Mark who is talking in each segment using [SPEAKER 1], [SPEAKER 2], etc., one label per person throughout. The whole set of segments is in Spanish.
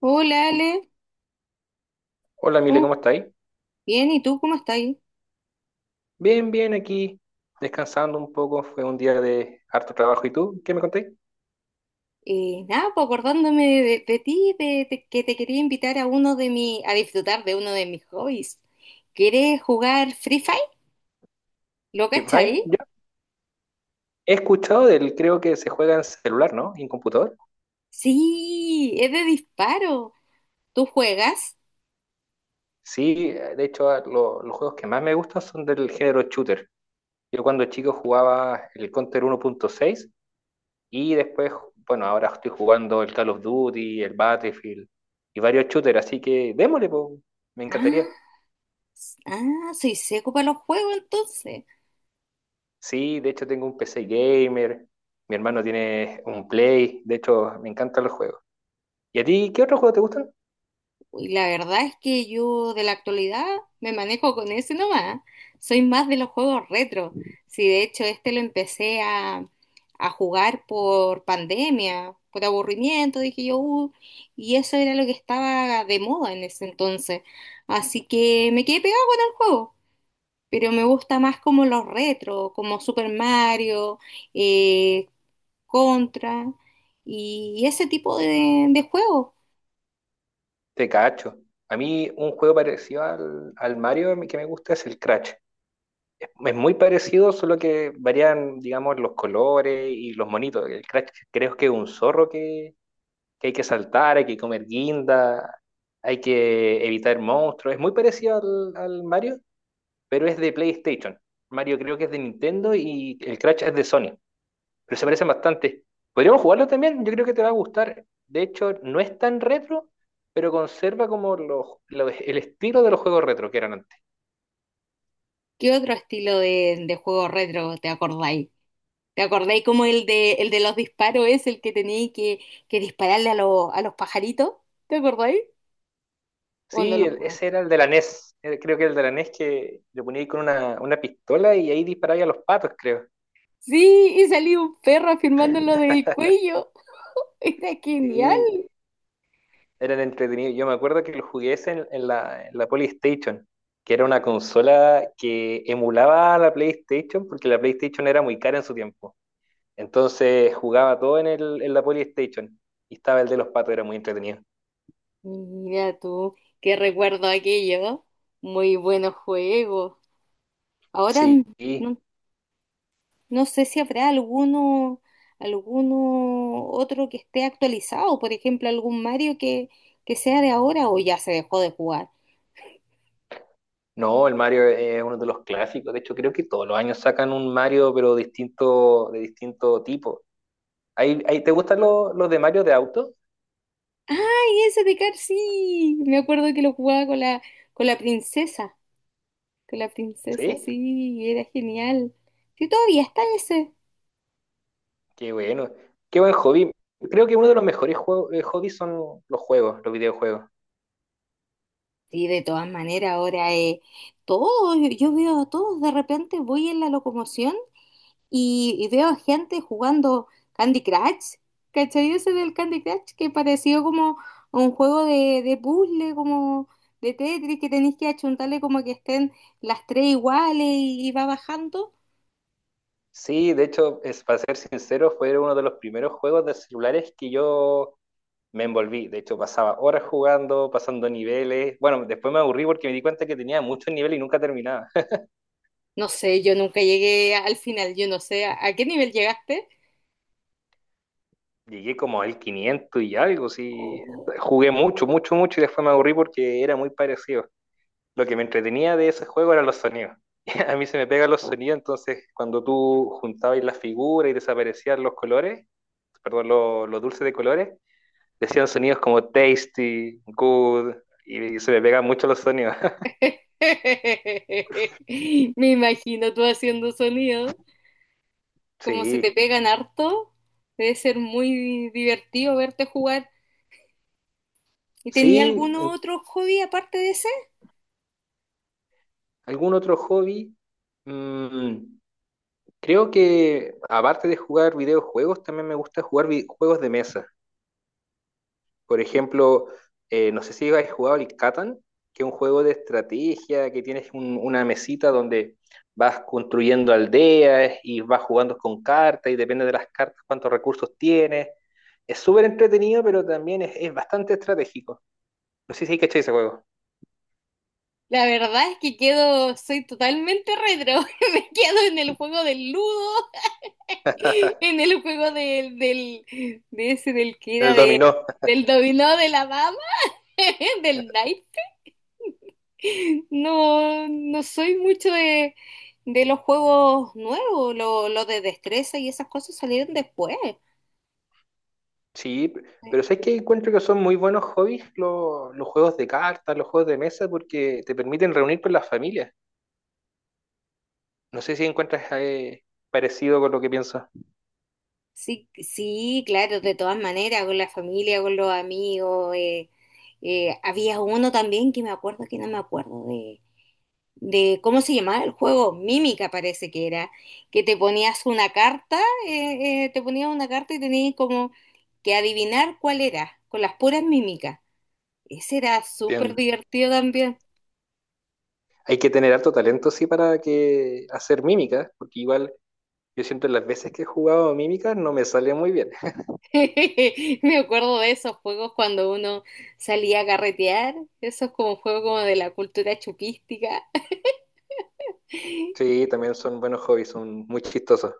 [SPEAKER 1] Hola Ale.
[SPEAKER 2] Hola, Mile,
[SPEAKER 1] Uh,
[SPEAKER 2] ¿cómo estáis?
[SPEAKER 1] bien, ¿y tú cómo estás?
[SPEAKER 2] Bien, bien, aquí descansando un poco. Fue un día de harto trabajo. ¿Y tú? ¿Qué me contáis?
[SPEAKER 1] Nada, pues acordándome de ti, de, que te quería invitar a uno de mi, a disfrutar de uno de mis hobbies. ¿Quieres jugar Free Fire? ¿Lo
[SPEAKER 2] Free Fire.
[SPEAKER 1] cachai?
[SPEAKER 2] Ya. He escuchado creo que se juega en celular, ¿no? Y en computador.
[SPEAKER 1] Sí, es de disparo. ¿Tú juegas?
[SPEAKER 2] Sí, de hecho, los juegos que más me gustan son del género shooter. Yo cuando chico jugaba el Counter 1.6 y después, bueno, ahora estoy jugando el Call of Duty, el Battlefield y varios shooters, así que démosle, po. Me encantaría.
[SPEAKER 1] Ah, soy seco para los juegos entonces.
[SPEAKER 2] Sí, de hecho tengo un PC gamer, mi hermano tiene un Play, de hecho me encantan los juegos. ¿Y a ti qué otros juegos te gustan?
[SPEAKER 1] Uy, la verdad es que yo de la actualidad me manejo con ese nomás. Soy más de los juegos retro. Sí, de hecho, este lo empecé a jugar por pandemia, por aburrimiento, dije yo, y eso era lo que estaba de moda en ese entonces. Así que me quedé pegado con el juego. Pero me gusta más como los retro, como Super Mario, eh, Contra y ese tipo de juegos.
[SPEAKER 2] Te cacho. A mí un juego parecido al Mario que me gusta es el Crash. Es muy parecido, solo que varían, digamos, los colores y los monitos. El Crash creo que es un zorro que hay que saltar, hay que comer guinda, hay que evitar monstruos. Es muy parecido al Mario, pero es de PlayStation. Mario creo que es de Nintendo y el Crash es de Sony, pero se parecen bastante. Podríamos jugarlo también, yo creo que te va a gustar. De hecho, no es tan retro, pero conserva como el estilo de los juegos retro que eran antes.
[SPEAKER 1] ¿Qué otro estilo de juego retro te acordáis? ¿Te acordáis como el de los disparos es el que teníais que dispararle a los pajaritos? ¿Te acordáis? ¿O no
[SPEAKER 2] Sí,
[SPEAKER 1] lo
[SPEAKER 2] ese
[SPEAKER 1] jugaste?
[SPEAKER 2] era el de la NES, creo que el de la NES que le ponía ahí con una pistola y ahí disparaba a los patos, creo.
[SPEAKER 1] Sí, y salió un perro afirmándolo del cuello. Era genial.
[SPEAKER 2] Sí, eran entretenidos. Yo me acuerdo que lo jugué ese en la PlayStation, que era una consola que emulaba a la PlayStation, porque la PlayStation era muy cara en su tiempo. Entonces jugaba todo en la Polystation. Y estaba el de los patos, era muy entretenido.
[SPEAKER 1] Mira tú, qué recuerdo aquello. Muy buenos juegos. Ahora n-
[SPEAKER 2] Sí,
[SPEAKER 1] no. No sé si habrá alguno, alguno otro que esté actualizado, por ejemplo, algún Mario que sea de ahora o ya se dejó de jugar.
[SPEAKER 2] no, el Mario es uno de los clásicos. De hecho, creo que todos los años sacan un Mario, pero distinto, de distinto tipo. ¿Te gustan los de Mario de auto?
[SPEAKER 1] ¡Ay, ese de Car sí! Me acuerdo que lo jugaba con la princesa, con la princesa,
[SPEAKER 2] Sí,
[SPEAKER 1] sí, era genial. Sí, todavía está ese.
[SPEAKER 2] qué bueno. Qué buen hobby. Creo que uno de los mejores hobbies son los juegos, los videojuegos.
[SPEAKER 1] Sí, de todas maneras, ahora todos, yo veo a todos, de repente voy en la locomoción. Y veo gente jugando Candy Crush, ¿cachai? Ese del Candy Crush que pareció como un juego de puzzle, como de Tetris, que tenéis que achuntarle como que estén las tres iguales y va bajando.
[SPEAKER 2] Sí, de hecho, es, para ser sincero, fue uno de los primeros juegos de celulares que yo me envolví. De hecho, pasaba horas jugando, pasando niveles. Bueno, después me aburrí porque me di cuenta que tenía muchos niveles y nunca terminaba.
[SPEAKER 1] No sé, yo nunca llegué al final, yo no sé, a qué nivel llegaste?
[SPEAKER 2] Llegué como al 500 y algo, sí.
[SPEAKER 1] Oh.
[SPEAKER 2] Jugué mucho, mucho, mucho y después me aburrí porque era muy parecido. Lo que me entretenía de ese juego eran los sonidos. A mí se me pegan los sonidos, entonces cuando tú juntabas las figuras y desaparecían los colores, perdón, los dulces de colores, decían sonidos como tasty, good, y se me pegan mucho los sonidos.
[SPEAKER 1] Me imagino tú haciendo sonido, como se te
[SPEAKER 2] Sí,
[SPEAKER 1] pegan harto, debe ser muy divertido verte jugar. ¿Y tenía
[SPEAKER 2] sí,
[SPEAKER 1] algún otro hobby aparte de ese?
[SPEAKER 2] ¿algún otro hobby? Mm, creo que aparte de jugar videojuegos, también me gusta jugar juegos de mesa. Por ejemplo, no sé si habéis jugado el Catan, que es un juego de estrategia, que tienes una mesita donde vas construyendo aldeas y vas jugando con cartas y depende de las cartas cuántos recursos tienes. Es súper entretenido, pero también es bastante estratégico. No sé si hay cachado ese juego.
[SPEAKER 1] La verdad es que quedo, soy totalmente retro, me quedo en el juego del ludo, en el juego de ese del que era
[SPEAKER 2] El
[SPEAKER 1] de,
[SPEAKER 2] dominó.
[SPEAKER 1] del dominó de la mama, del knight. No, no soy mucho de los juegos nuevos, lo de destreza y esas cosas salieron después.
[SPEAKER 2] Sí, pero sabes que encuentro que son muy buenos hobbies los juegos de cartas, los juegos de mesa, porque te permiten reunir con las familias. No sé si encuentras parecido con lo que pienso.
[SPEAKER 1] Sí, sí, claro, de todas maneras, con la familia, con los amigos. Había uno también que me acuerdo que no me acuerdo de. ¿Cómo se llamaba el juego? Mímica parece que era, que te ponías una carta, te ponías una carta y tenías como que adivinar cuál era, con las puras mímicas. Ese era súper
[SPEAKER 2] Entiendo.
[SPEAKER 1] divertido también.
[SPEAKER 2] Hay que tener alto talento, sí, para que hacer mímicas, porque igual yo siento las veces que he jugado mímicas no me sale muy bien.
[SPEAKER 1] Me acuerdo de esos juegos cuando uno salía a carretear, esos como juegos como de la cultura chupística.
[SPEAKER 2] Sí, también son buenos hobbies, son muy chistosos.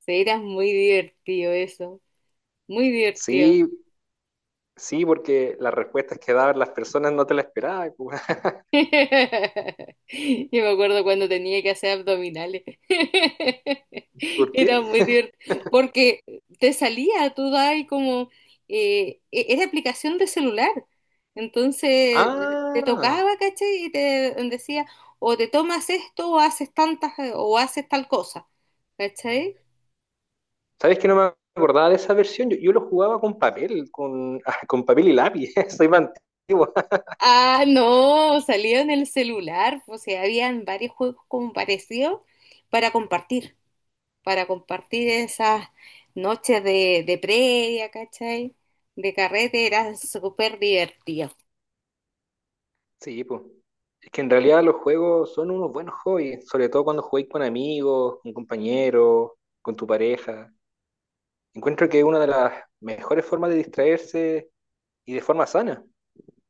[SPEAKER 1] Sí, era muy divertido eso, muy
[SPEAKER 2] Sí,
[SPEAKER 1] divertido.
[SPEAKER 2] sí, porque las respuestas que daban las personas no te las esperaba.
[SPEAKER 1] Yo me acuerdo cuando tenía que hacer abdominales.
[SPEAKER 2] ¿Por
[SPEAKER 1] Era
[SPEAKER 2] qué?
[SPEAKER 1] muy divertido. Porque te salía, tú dabas como... era aplicación de celular. Entonces te
[SPEAKER 2] Ah,
[SPEAKER 1] tocaba, ¿cachai? Y te decía, o te tomas esto, o haces tantas, o haces tal cosa. ¿Cachai?
[SPEAKER 2] ¿sabes que no me acordaba de esa versión? Yo lo jugaba con papel, con, con papel y lápiz. Soy más antiguo.
[SPEAKER 1] Ah, no, salía en el celular. O sea, habían varios juegos como parecidos para compartir. Para compartir esas noches de previa, ¿cachai? De carrete era súper divertido.
[SPEAKER 2] Sí, pues. Es que en realidad los juegos son unos buenos hobbies, sobre todo cuando jugáis con amigos, con compañeros, con tu pareja. Encuentro que es una de las mejores formas de distraerse y de forma sana.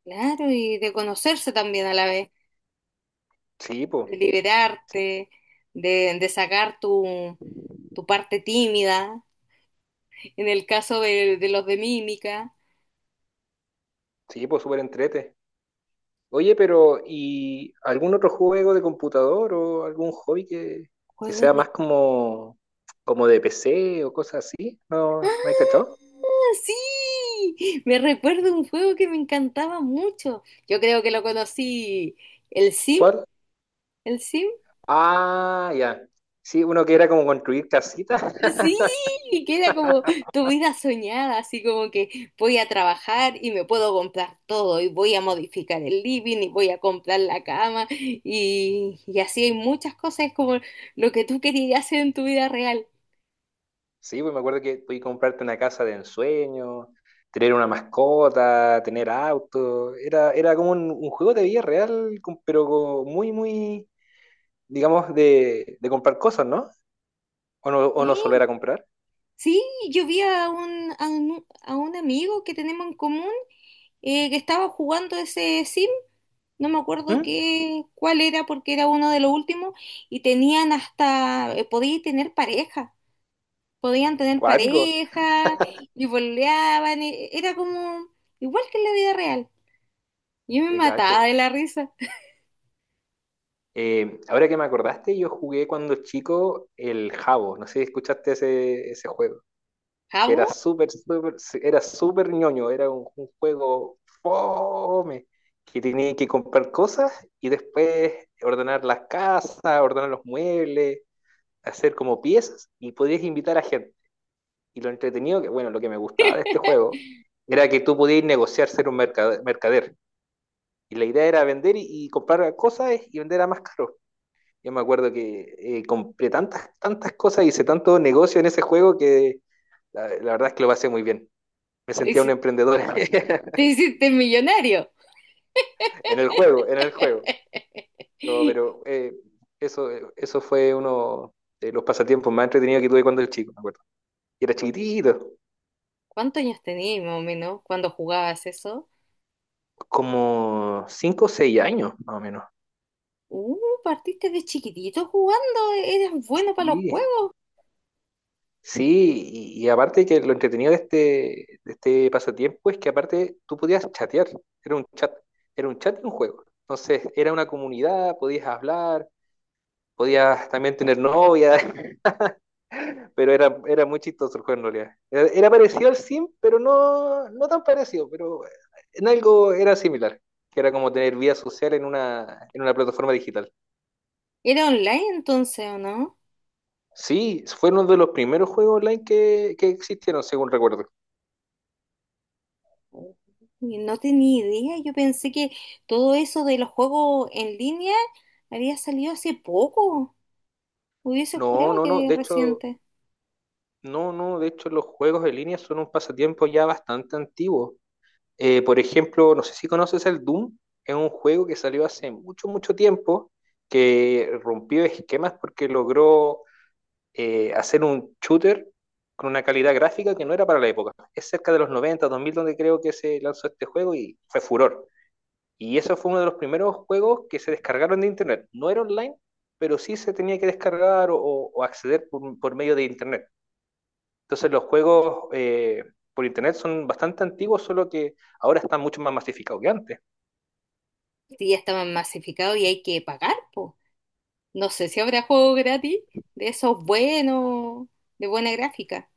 [SPEAKER 1] Claro, y de conocerse también a la vez,
[SPEAKER 2] Sí, pues.
[SPEAKER 1] de liberarte, de sacar tu parte tímida, en el caso de los de mímica,
[SPEAKER 2] Sí, pues, súper entrete. Oye, pero ¿y algún otro juego de computador o algún hobby que
[SPEAKER 1] juegos
[SPEAKER 2] sea
[SPEAKER 1] de...
[SPEAKER 2] más como, como de PC o cosas así? ¿No, no hay cachado?
[SPEAKER 1] ¡Ah, sí! Me recuerdo un juego que me encantaba mucho. Yo creo que lo conocí, el Sim,
[SPEAKER 2] ¿Cuál?
[SPEAKER 1] el Sim.
[SPEAKER 2] Ah, ya. Sí, uno que era como construir casitas.
[SPEAKER 1] Sí, que era como tu vida soñada, así como que voy a trabajar y me puedo comprar todo y voy a modificar el living y voy a comprar la cama y así hay muchas cosas como lo que tú querías hacer en tu vida real.
[SPEAKER 2] Sí, pues me acuerdo que podías comprarte una casa de ensueño, tener una mascota, tener auto. Era, era como un juego de vida real, con- pero co- muy, muy, digamos, de comprar cosas, ¿no? ¿O no, o no solo
[SPEAKER 1] Sí,
[SPEAKER 2] era comprar?
[SPEAKER 1] sí, yo vi a un, a un amigo que tenemos en común que estaba jugando ese sim, no me acuerdo
[SPEAKER 2] ¿Mm?
[SPEAKER 1] qué, cuál era porque era uno de los últimos y tenían hasta, podía tener pareja. podían tener
[SPEAKER 2] Cuático.
[SPEAKER 1] pareja y boleaban, era como igual que en la vida real. Yo me
[SPEAKER 2] Te cacho.
[SPEAKER 1] mataba de la risa.
[SPEAKER 2] Ahora que me acordaste, yo jugué cuando chico el Jabo. No sé si escuchaste ese juego. Que era
[SPEAKER 1] Jabo,
[SPEAKER 2] súper, súper, sí, era súper ñoño. Era un juego fome. Que tenía que comprar cosas y después ordenar las casas, ordenar los muebles, hacer como piezas y podías invitar a gente. Y lo entretenido, que bueno, lo que me gustaba de este juego era que tú podías negociar ser un mercader. Mercader. Y la idea era vender y comprar cosas y vender a más caro. Yo me acuerdo que compré tantas, tantas cosas, hice tanto negocio en ese juego que la verdad es que lo pasé muy bien. Me
[SPEAKER 1] te
[SPEAKER 2] sentía un
[SPEAKER 1] hici-
[SPEAKER 2] emprendedor
[SPEAKER 1] te hiciste millonario.
[SPEAKER 2] en el juego, en el juego. No, pero eso fue uno de los pasatiempos más entretenidos que tuve cuando era chico, me acuerdo. Y era chiquitito,
[SPEAKER 1] ¿Cuántos años tenías más o menos cuando jugabas eso?
[SPEAKER 2] como 5 o 6 años, más o menos.
[SPEAKER 1] Uh, partiste de chiquitito jugando, eras bueno para los
[SPEAKER 2] Sí,
[SPEAKER 1] juegos.
[SPEAKER 2] sí, y aparte que lo entretenido de este pasatiempo es que aparte tú podías chatear, era un chat, era un chat y un juego. Entonces era una comunidad, podías hablar, podías también tener novia, pero era, era muy chistoso el juego en realidad. Era, era parecido al Sim, pero no, no tan parecido, pero en algo era similar, que era como tener vida social en una plataforma digital.
[SPEAKER 1] ¿Era online entonces o no?
[SPEAKER 2] Sí, fue uno de los primeros juegos online que existieron, según recuerdo.
[SPEAKER 1] Uh, no tenía idea, yo pensé que todo eso de los juegos en línea había salido hace poco. Hubiese
[SPEAKER 2] No,
[SPEAKER 1] jurado
[SPEAKER 2] no, no,
[SPEAKER 1] que era
[SPEAKER 2] de hecho
[SPEAKER 1] reciente.
[SPEAKER 2] No, no, de hecho los juegos en línea son un pasatiempo ya bastante antiguo. Por ejemplo, no sé si conoces el Doom, es un juego que salió hace mucho, mucho tiempo, que rompió esquemas porque logró hacer un shooter con una calidad gráfica que no era para la época. Es cerca de los noventa, 2000 donde creo que se lanzó este juego y fue furor. Y eso fue uno de los primeros juegos que se descargaron de internet. No era online, pero sí se tenía que descargar o acceder por medio de internet. Entonces los juegos por internet son bastante antiguos, solo que ahora están mucho más masificados que antes.
[SPEAKER 1] Sí, ya está masificado y hay que pagar, po. No sé si habrá juegos gratis de esos buenos, de buena gráfica.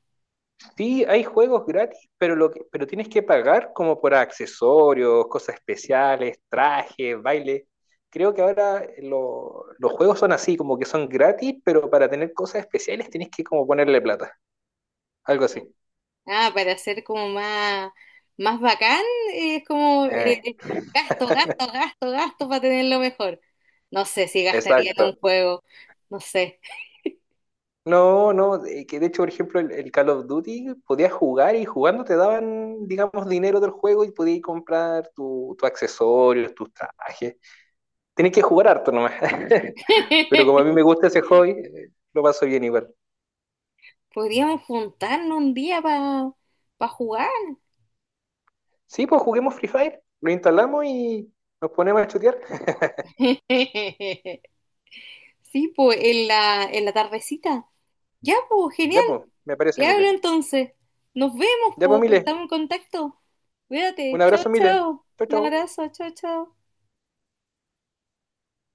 [SPEAKER 2] Sí, hay juegos gratis, pero, pero tienes que pagar como por accesorios, cosas especiales, trajes, baile. Creo que ahora los juegos son así, como que son gratis, pero para tener cosas especiales tienes que como ponerle plata, algo así.
[SPEAKER 1] No. Ah, para hacer como más, más bacán, es como
[SPEAKER 2] Eh,
[SPEAKER 1] gasto, gasto, gasto, gasto para tenerlo mejor. No sé si gastaría en un
[SPEAKER 2] exacto.
[SPEAKER 1] juego, no sé.
[SPEAKER 2] No, no, que de hecho, por ejemplo, el Call of Duty podías jugar y jugando te daban, digamos, dinero del juego y podías comprar tu accesorios, tus trajes. Tenés que jugar harto nomás. Pero como a mí me gusta ese hobby, lo paso bien igual.
[SPEAKER 1] Podríamos juntarnos un día para jugar.
[SPEAKER 2] Sí, pues juguemos Free Fire, lo instalamos y nos ponemos a chutear.
[SPEAKER 1] Sí, pues en la tardecita. Ya, pues, genial.
[SPEAKER 2] Ya, pues, me parece,
[SPEAKER 1] Te hablo
[SPEAKER 2] Mile.
[SPEAKER 1] entonces. Nos vemos,
[SPEAKER 2] Ya, pues,
[SPEAKER 1] pues.
[SPEAKER 2] Mile.
[SPEAKER 1] Estamos en contacto.
[SPEAKER 2] Un
[SPEAKER 1] Cuídate. Chao,
[SPEAKER 2] abrazo, Mile.
[SPEAKER 1] chao.
[SPEAKER 2] Chau,
[SPEAKER 1] Un
[SPEAKER 2] chau.
[SPEAKER 1] abrazo. Chao, chao.